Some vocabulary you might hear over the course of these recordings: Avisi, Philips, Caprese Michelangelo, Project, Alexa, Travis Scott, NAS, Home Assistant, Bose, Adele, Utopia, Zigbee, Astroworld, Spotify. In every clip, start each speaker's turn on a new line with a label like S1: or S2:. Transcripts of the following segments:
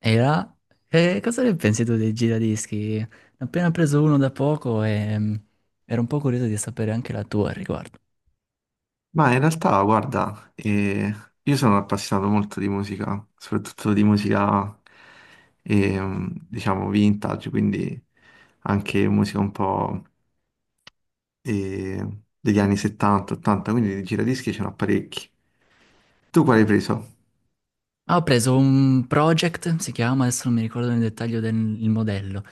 S1: E là, cosa ne pensi tu dei giradischi? Ne ho appena preso uno da poco e ero un po' curioso di sapere anche la tua al riguardo.
S2: Ma in realtà, guarda, io sono appassionato molto di musica, soprattutto di musica, diciamo, vintage, quindi anche musica un po' eh, degli anni 70, 80, quindi di giradischi ce n'ho parecchi. Tu quale hai preso?
S1: Ah, ho preso un Project, si chiama, adesso non mi ricordo nel dettaglio del il modello,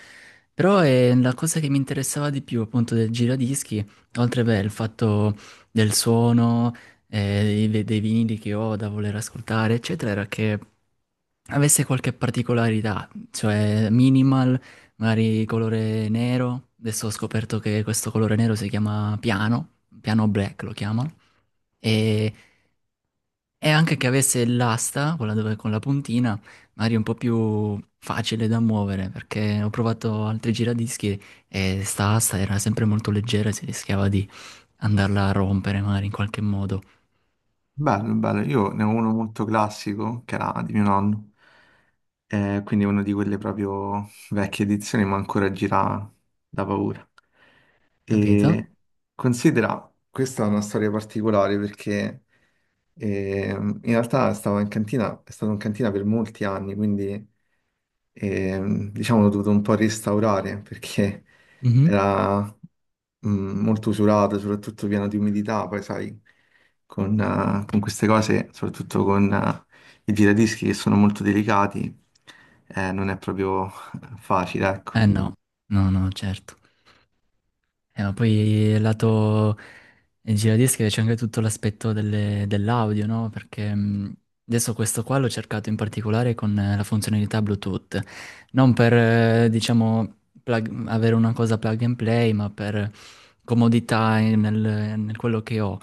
S1: però è la cosa che mi interessava di più appunto del giradischi, oltre beh, il fatto del suono, dei vinili che ho da voler ascoltare, eccetera, era che avesse qualche particolarità, cioè minimal, magari colore nero. Adesso ho scoperto che questo colore nero si chiama piano black lo chiamano. E, e anche che avesse l'asta, quella dove con la puntina, magari un po' più facile da muovere, perché ho provato altri giradischi e sta asta era sempre molto leggera e si rischiava di andarla a rompere magari in qualche modo,
S2: Bello, bello. Io ne ho uno molto classico, che era di mio nonno, quindi uno di quelle proprio vecchie edizioni, ma ancora gira da paura.
S1: capito?
S2: E considera, questa è una storia particolare perché in realtà stavo in cantina, è stato in cantina per molti anni, quindi diciamo l'ho dovuto un po' restaurare perché
S1: Mhm.
S2: era molto usurato, soprattutto pieno di umidità, poi sai, con queste cose, soprattutto con i giradischi che sono molto delicati, non è proprio facile, ecco.
S1: Mm. No, no, no, certo. Ma poi lato giradischi c'è anche tutto l'aspetto dell'audio, no? Perché adesso questo qua l'ho cercato in particolare con la funzionalità Bluetooth, non per, diciamo, avere una cosa plug and play, ma per comodità nel quello che ho,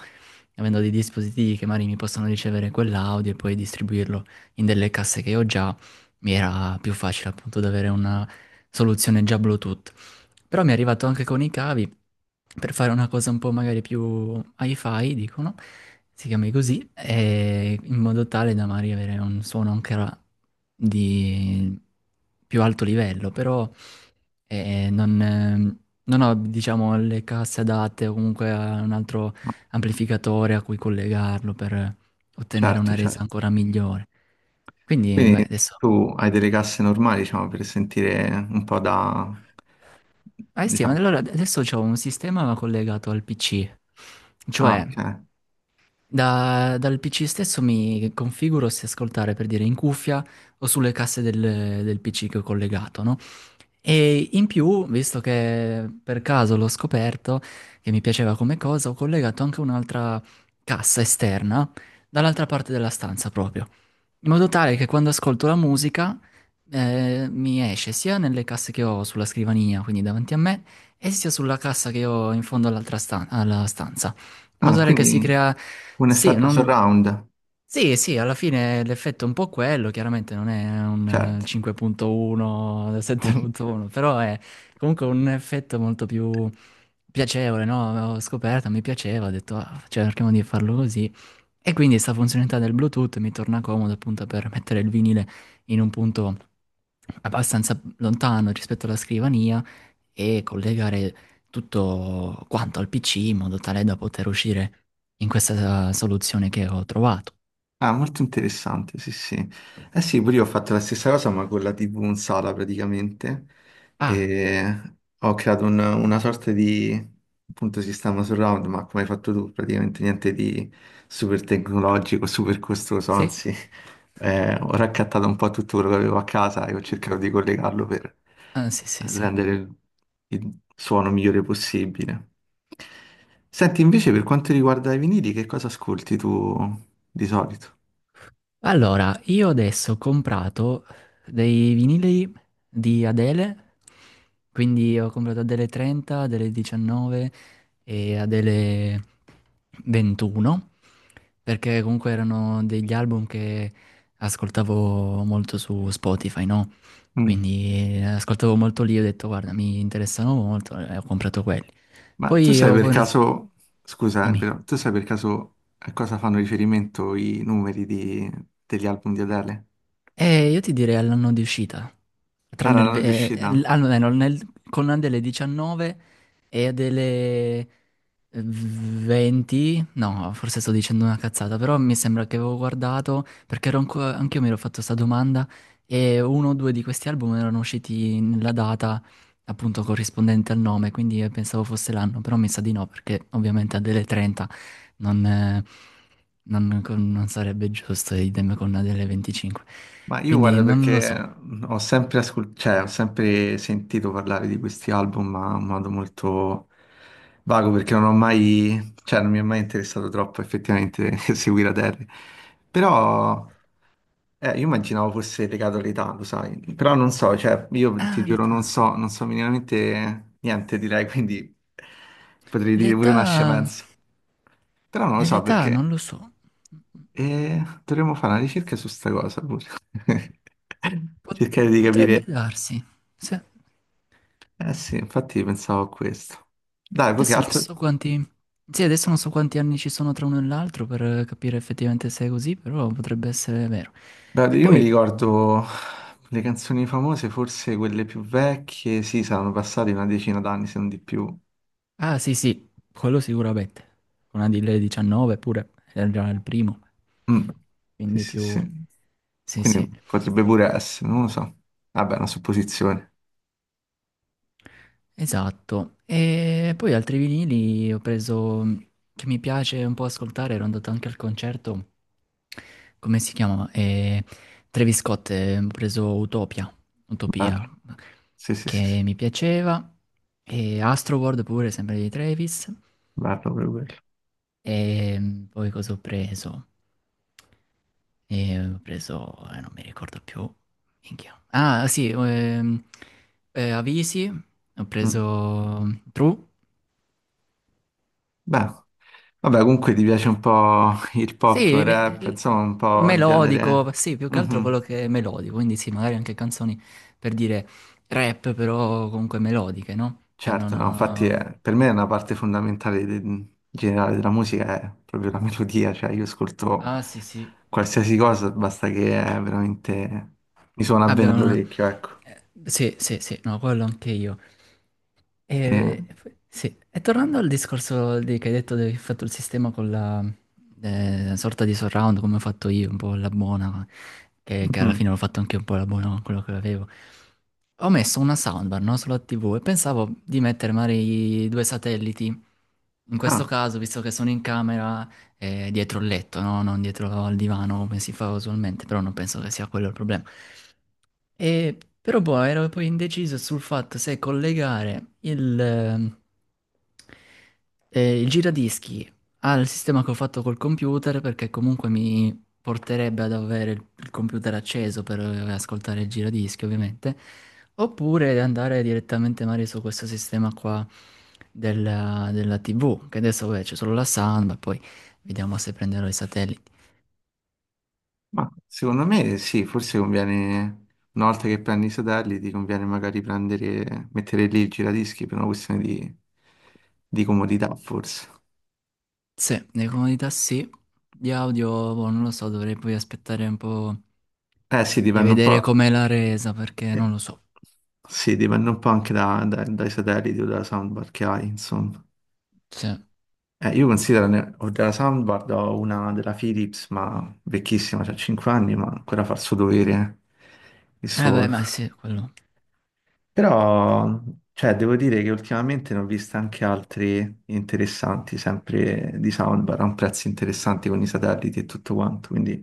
S1: avendo dei dispositivi che magari mi possono ricevere quell'audio e poi distribuirlo in delle casse che ho già, mi era più facile appunto ad avere una soluzione già Bluetooth. Però mi è arrivato anche con i cavi per fare una cosa un po' magari più hi-fi, dicono, si chiami così, e in modo tale da magari avere un suono ancora di più alto livello, però eh, non, ehm, non ho, diciamo, le casse adatte o comunque a un altro amplificatore a cui collegarlo per ottenere
S2: Certo,
S1: una resa
S2: certo.
S1: ancora migliore. Quindi, beh,
S2: Quindi
S1: adesso
S2: tu hai delle casse normali, diciamo, per sentire un po' da...
S1: ah sì, ma
S2: diciamo...
S1: allora adesso c'ho un sistema collegato al PC,
S2: Ah,
S1: cioè
S2: ok.
S1: dal PC stesso mi configuro se ascoltare per dire in cuffia o sulle casse del PC che ho collegato, no? E in più, visto che per caso l'ho scoperto che mi piaceva come cosa, ho collegato anche un'altra cassa esterna dall'altra parte della stanza proprio in modo tale che quando ascolto la musica mi esce sia nelle casse che ho sulla scrivania, quindi davanti a me, e sia sulla cassa che ho in fondo alla stanza. In modo
S2: Ah,
S1: tale che si
S2: quindi
S1: crea.
S2: un
S1: Sì,
S2: effetto
S1: non...
S2: surround,
S1: sì, sì, alla fine l'effetto è un po' quello, chiaramente non è un
S2: certo.
S1: 5.1, 7.1, però è comunque un effetto molto più piacevole, no? Ho scoperto, mi piaceva, ho detto, "Ah, cioè, cerchiamo di farlo così." E quindi questa funzionalità del Bluetooth mi torna comodo appunto per mettere il vinile in un punto abbastanza lontano rispetto alla scrivania e collegare tutto quanto al PC in modo tale da poter uscire in questa soluzione che ho trovato.
S2: Ah, molto interessante, sì, sì. Eh sì, pure io ho fatto la stessa cosa, ma con la TV in sala praticamente.
S1: Ah,
S2: E ho creato una sorta di, appunto, sistema surround, ma come hai fatto tu, praticamente niente di super tecnologico, super costoso,
S1: sì?
S2: anzi... ho raccattato un po' tutto quello che avevo a casa e ho cercato di collegarlo per
S1: Ah, sì, sì, sì.
S2: rendere il suono migliore possibile. Senti, invece, per quanto riguarda i vinili, che cosa ascolti tu di solito?
S1: Allora, io adesso ho comprato dei vinili di Adele, quindi ho comprato Adele 30, Adele 19 e Adele 21 perché comunque erano degli album che ascoltavo molto su Spotify, no?
S2: Mm.
S1: Quindi ascoltavo molto lì, ho detto guarda, mi interessano molto e ho comprato quelli.
S2: Ma tu
S1: Poi
S2: sai
S1: ho
S2: per
S1: preso.
S2: caso, scusa,
S1: Dimmi.
S2: però, tu sai per caso a cosa fanno riferimento i degli album di Adele?
S1: Io ti direi all'anno di uscita,
S2: Ah,
S1: tranne
S2: la
S1: il,
S2: non riuscita?
S1: almeno con Adele 19 e Adele 20, no, forse sto dicendo una cazzata, però mi sembra che avevo guardato, perché ero anche anch'io mi ero fatto questa domanda, e uno o due di questi album erano usciti nella data appunto corrispondente al nome, quindi pensavo fosse l'anno, però mi sa di no, perché ovviamente Adele 30 non... eh, non sarebbe giusto, idem con una delle 25.
S2: Ma io
S1: Quindi
S2: guarda
S1: non lo
S2: perché
S1: so.
S2: ho sempre, cioè, ho sempre sentito parlare di questi album, ma in modo molto vago perché non ho mai, cioè non mi è mai interessato troppo effettivamente seguire Adele. Però io immaginavo fosse legato all'età, lo sai, però non so, cioè io ti
S1: Ah,
S2: giuro non
S1: l'età.
S2: so, non so minimamente niente direi, quindi potrei dire pure una
S1: L'età.
S2: scemenza. Però non lo
S1: E
S2: so
S1: l'età
S2: perché.
S1: non lo so.
S2: E dovremmo fare una ricerca su sta cosa pure.
S1: Pot-
S2: Cercare di
S1: Potrebbe
S2: capire.
S1: darsi. Se-
S2: Eh sì, infatti pensavo a questo. Dai, poi che
S1: Adesso non
S2: altro...
S1: so quanti. Sì, adesso non so quanti anni ci sono tra uno e l'altro per capire effettivamente se è così, però potrebbe essere vero.
S2: Beh,
S1: E
S2: io mi
S1: poi.
S2: ricordo le canzoni famose, forse quelle più vecchie, sì, saranno passate una decina d'anni, se non di più.
S1: Ah, sì, sì, quello sicuramente. Una di lei 19 pure, era già il primo.
S2: Mm. Sì,
S1: Quindi
S2: sì,
S1: più.
S2: sì.
S1: Sì,
S2: Quindi
S1: sì.
S2: potrebbe pure essere, non lo so. Vabbè, è una supposizione.
S1: Esatto. E poi altri vinili ho preso che mi piace un po' ascoltare, ero andato anche al concerto. Come si chiama? Travis Scott, ho preso Utopia,
S2: Bello.
S1: Utopia,
S2: Sì, sì, sì, sì.
S1: che mi piaceva. E Astroworld pure, sempre di Travis.
S2: Bello per quello.
S1: E poi cosa ho preso? E ho preso, non mi ricordo più. Minchia. Ah, sì, Avisi, ho
S2: Mm.
S1: preso True.
S2: Beh. Vabbè, comunque ti piace un po' il pop,
S1: Sì,
S2: rap, insomma, un po' il
S1: melodico,
S2: genere.
S1: sì, più che altro quello
S2: Mhm.
S1: che è melodico, quindi sì, magari anche canzoni per dire rap, però comunque melodiche, no? Che hanno
S2: Certo, no,
S1: una.
S2: per me è una parte fondamentale generale della musica, è proprio la melodia, cioè io ascolto
S1: Ah, sì, sì.
S2: qualsiasi cosa, basta che è veramente mi suona bene
S1: Abbiamo una.
S2: all'orecchio, ecco.
S1: Sì, sì, sì, no, quello anche io.
S2: E-
S1: E, sì, e tornando al discorso di, che hai detto che hai fatto il sistema con la sorta di surround, come ho fatto io, un po' la buona, che alla
S2: mhm.
S1: fine l'ho fatto anche un po' la buona con quello che avevo. Ho messo una soundbar, no, sulla TV e pensavo di mettere magari i due satelliti. In questo
S2: Ah,
S1: caso, visto che sono in camera, dietro il letto, no? Non dietro al divano come si fa usualmente, però non penso che sia quello il problema. E, però poi ero poi indeciso sul fatto se collegare il giradischi al sistema che ho fatto col computer perché comunque mi porterebbe ad avere il computer acceso per ascoltare il giradischi ovviamente oppure andare direttamente magari su questo sistema qua della TV che adesso vabbè, c'è solo la sound ma poi vediamo se prenderò i satelliti.
S2: ma secondo me sì, forse conviene, una volta che prendi i satelliti, ti conviene magari prendere, mettere lì il giradischi per una questione di comodità, forse.
S1: Sì, le comodità sì, di audio boh, non lo so, dovrei poi aspettare un po'
S2: Eh sì,
S1: e
S2: dipende un
S1: vedere
S2: po'.
S1: com'è la resa perché
S2: eh,
S1: non lo so.
S2: Sì, dipende un po' anche dai satelliti o dalla soundbar che hai, insomma.
S1: Sì. Eh
S2: Io considero, ho della soundbar, ho una della Philips, ma vecchissima, c'ha 5 anni, ma ancora fa il suo dovere, il suo.
S1: beh, ma sì, quello.
S2: Però, cioè, devo dire che ultimamente ne ho viste anche altri interessanti, sempre di soundbar, a un prezzo interessante con i satelliti e tutto quanto, quindi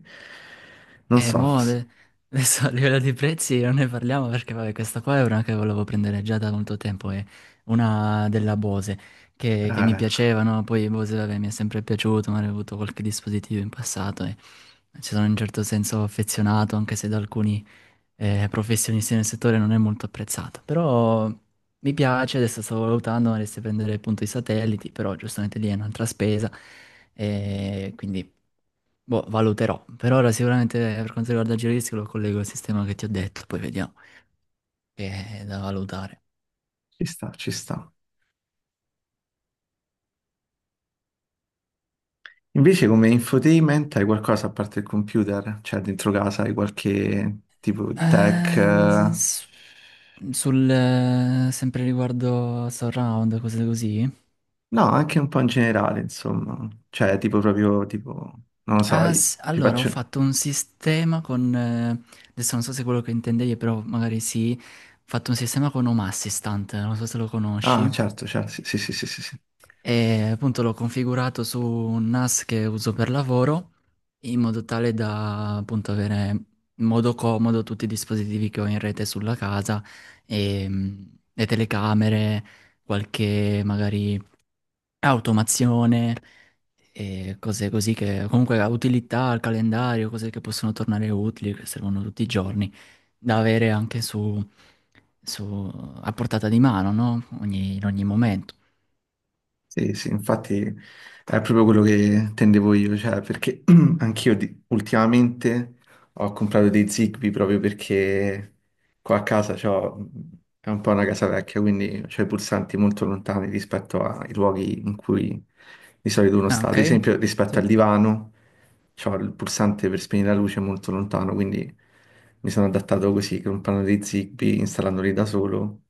S2: non
S1: E
S2: so,
S1: mo adesso a livello di prezzi non ne parliamo perché vabbè, questa qua è una che volevo prendere già da molto tempo, è una della Bose che mi
S2: eh,
S1: piaceva, no? Poi Bose vabbè, mi è sempre piaciuto, ma avevo avuto qualche dispositivo in passato e ci sono in un certo senso affezionato anche se da alcuni professionista nel settore non è molto apprezzata, però mi piace, adesso stavo valutando, vorresti prendere appunto i satelliti, però giustamente lì è un'altra spesa, e quindi boh, valuterò. Per ora sicuramente per quanto riguarda il giro di rischio lo collego al sistema che ti ho detto, poi vediamo, che è da valutare.
S2: ci sta, ci sta. Invece come infotainment hai qualcosa a parte il computer? Cioè dentro casa hai qualche tipo tech?
S1: Ehm, s- Sul, sempre riguardo surround, cose così,
S2: No, anche un po' in generale, insomma. Cioè tipo proprio tipo, non lo so,
S1: ah,
S2: ti
S1: allora, ho
S2: faccio...
S1: fatto un sistema con. Adesso non so se è quello che intendevi, però magari sì. Ho fatto un sistema con Home Assistant, non so se lo
S2: Ah,
S1: conosci.
S2: certo, certo, sì, sì, sì, sì, sì, sì.
S1: E appunto l'ho configurato su un NAS che uso per lavoro, in modo tale da appunto avere in modo comodo tutti i dispositivi che ho in rete sulla casa, e, le telecamere, qualche magari automazione e cose così che comunque la utilità, il calendario, cose che possono tornare utili, che servono tutti i giorni, da avere anche su- a portata di mano, no? In ogni momento.
S2: Sì, sì, infatti è proprio quello che tendevo io, cioè perché anch'io ultimamente ho comprato dei Zigbee proprio perché qua a casa c'ho, è un po' una casa vecchia, quindi c'ho i pulsanti molto lontani rispetto ai luoghi in cui di solito uno
S1: Ah,
S2: sta.
S1: ok?
S2: Ad esempio rispetto
S1: Sì?
S2: al divano c'ho il pulsante per spegnere la luce molto lontano, quindi mi sono adattato così, comprando dei Zigbee, installandoli da solo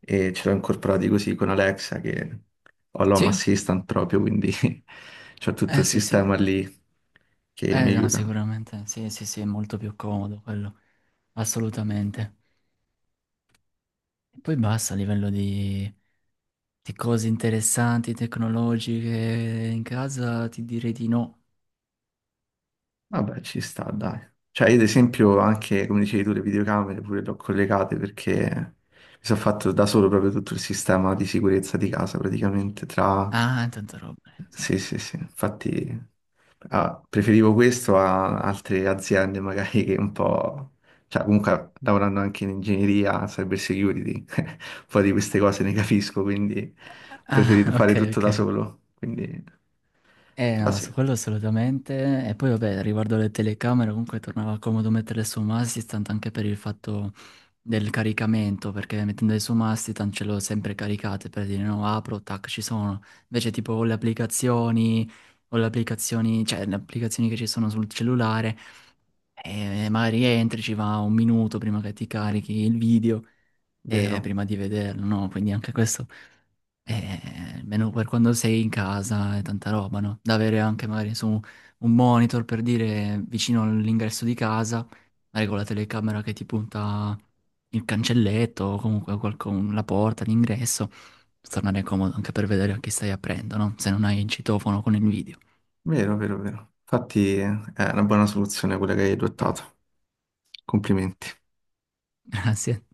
S2: e ce l'ho incorporati così con Alexa che ho l'Home
S1: Sì?
S2: Assistant proprio, quindi c'ho tutto
S1: Eh
S2: il
S1: sì, sì.
S2: sistema lì che mi
S1: Eh no,
S2: aiuta.
S1: sicuramente. Sì, sì, sì, è molto più comodo quello. Assolutamente. E poi basta a livello di, cose interessanti, tecnologiche in casa, ti direi di no.
S2: Vabbè, ci sta, dai. Cioè, io ad esempio anche, come dicevi tu, le videocamere pure le ho collegate perché mi sono fatto da solo proprio tutto il sistema di sicurezza di casa, praticamente, tra
S1: Ah, tanta roba. Sì.
S2: sì, sì, sì, infatti ah, preferivo questo a altre aziende magari che un po', cioè comunque lavorando anche in ingegneria, cyber security, un po' di queste cose ne capisco, quindi ho
S1: Ah,
S2: preferito fare
S1: ok,
S2: tutto da
S1: ok.
S2: solo, quindi
S1: Eh
S2: però
S1: no,
S2: sì,
S1: su quello assolutamente. E poi vabbè, riguardo alle telecamere, comunque tornava comodo metterle su masti, tanto anche per il fatto del caricamento, perché mettendole su masti, tanto ce l'ho sempre caricate per dire no, apro, tac, ci sono. Invece tipo o le applicazioni, cioè le applicazioni che ci sono sul cellulare, magari entri, ci va un minuto prima che ti carichi il video e
S2: vero,
S1: prima di vederlo, no? Quindi anche questo. Almeno per quando sei in casa e tanta roba, no? Da avere anche magari su un monitor per dire vicino all'ingresso di casa, magari con la telecamera che ti punta il cancelletto o comunque la porta, l'ingresso, per tornare comodo anche per vedere a chi stai aprendo, no? Se non hai il citofono con il video.
S2: vero, vero, vero. Infatti è una buona soluzione quella che hai adottato, complimenti.
S1: Grazie.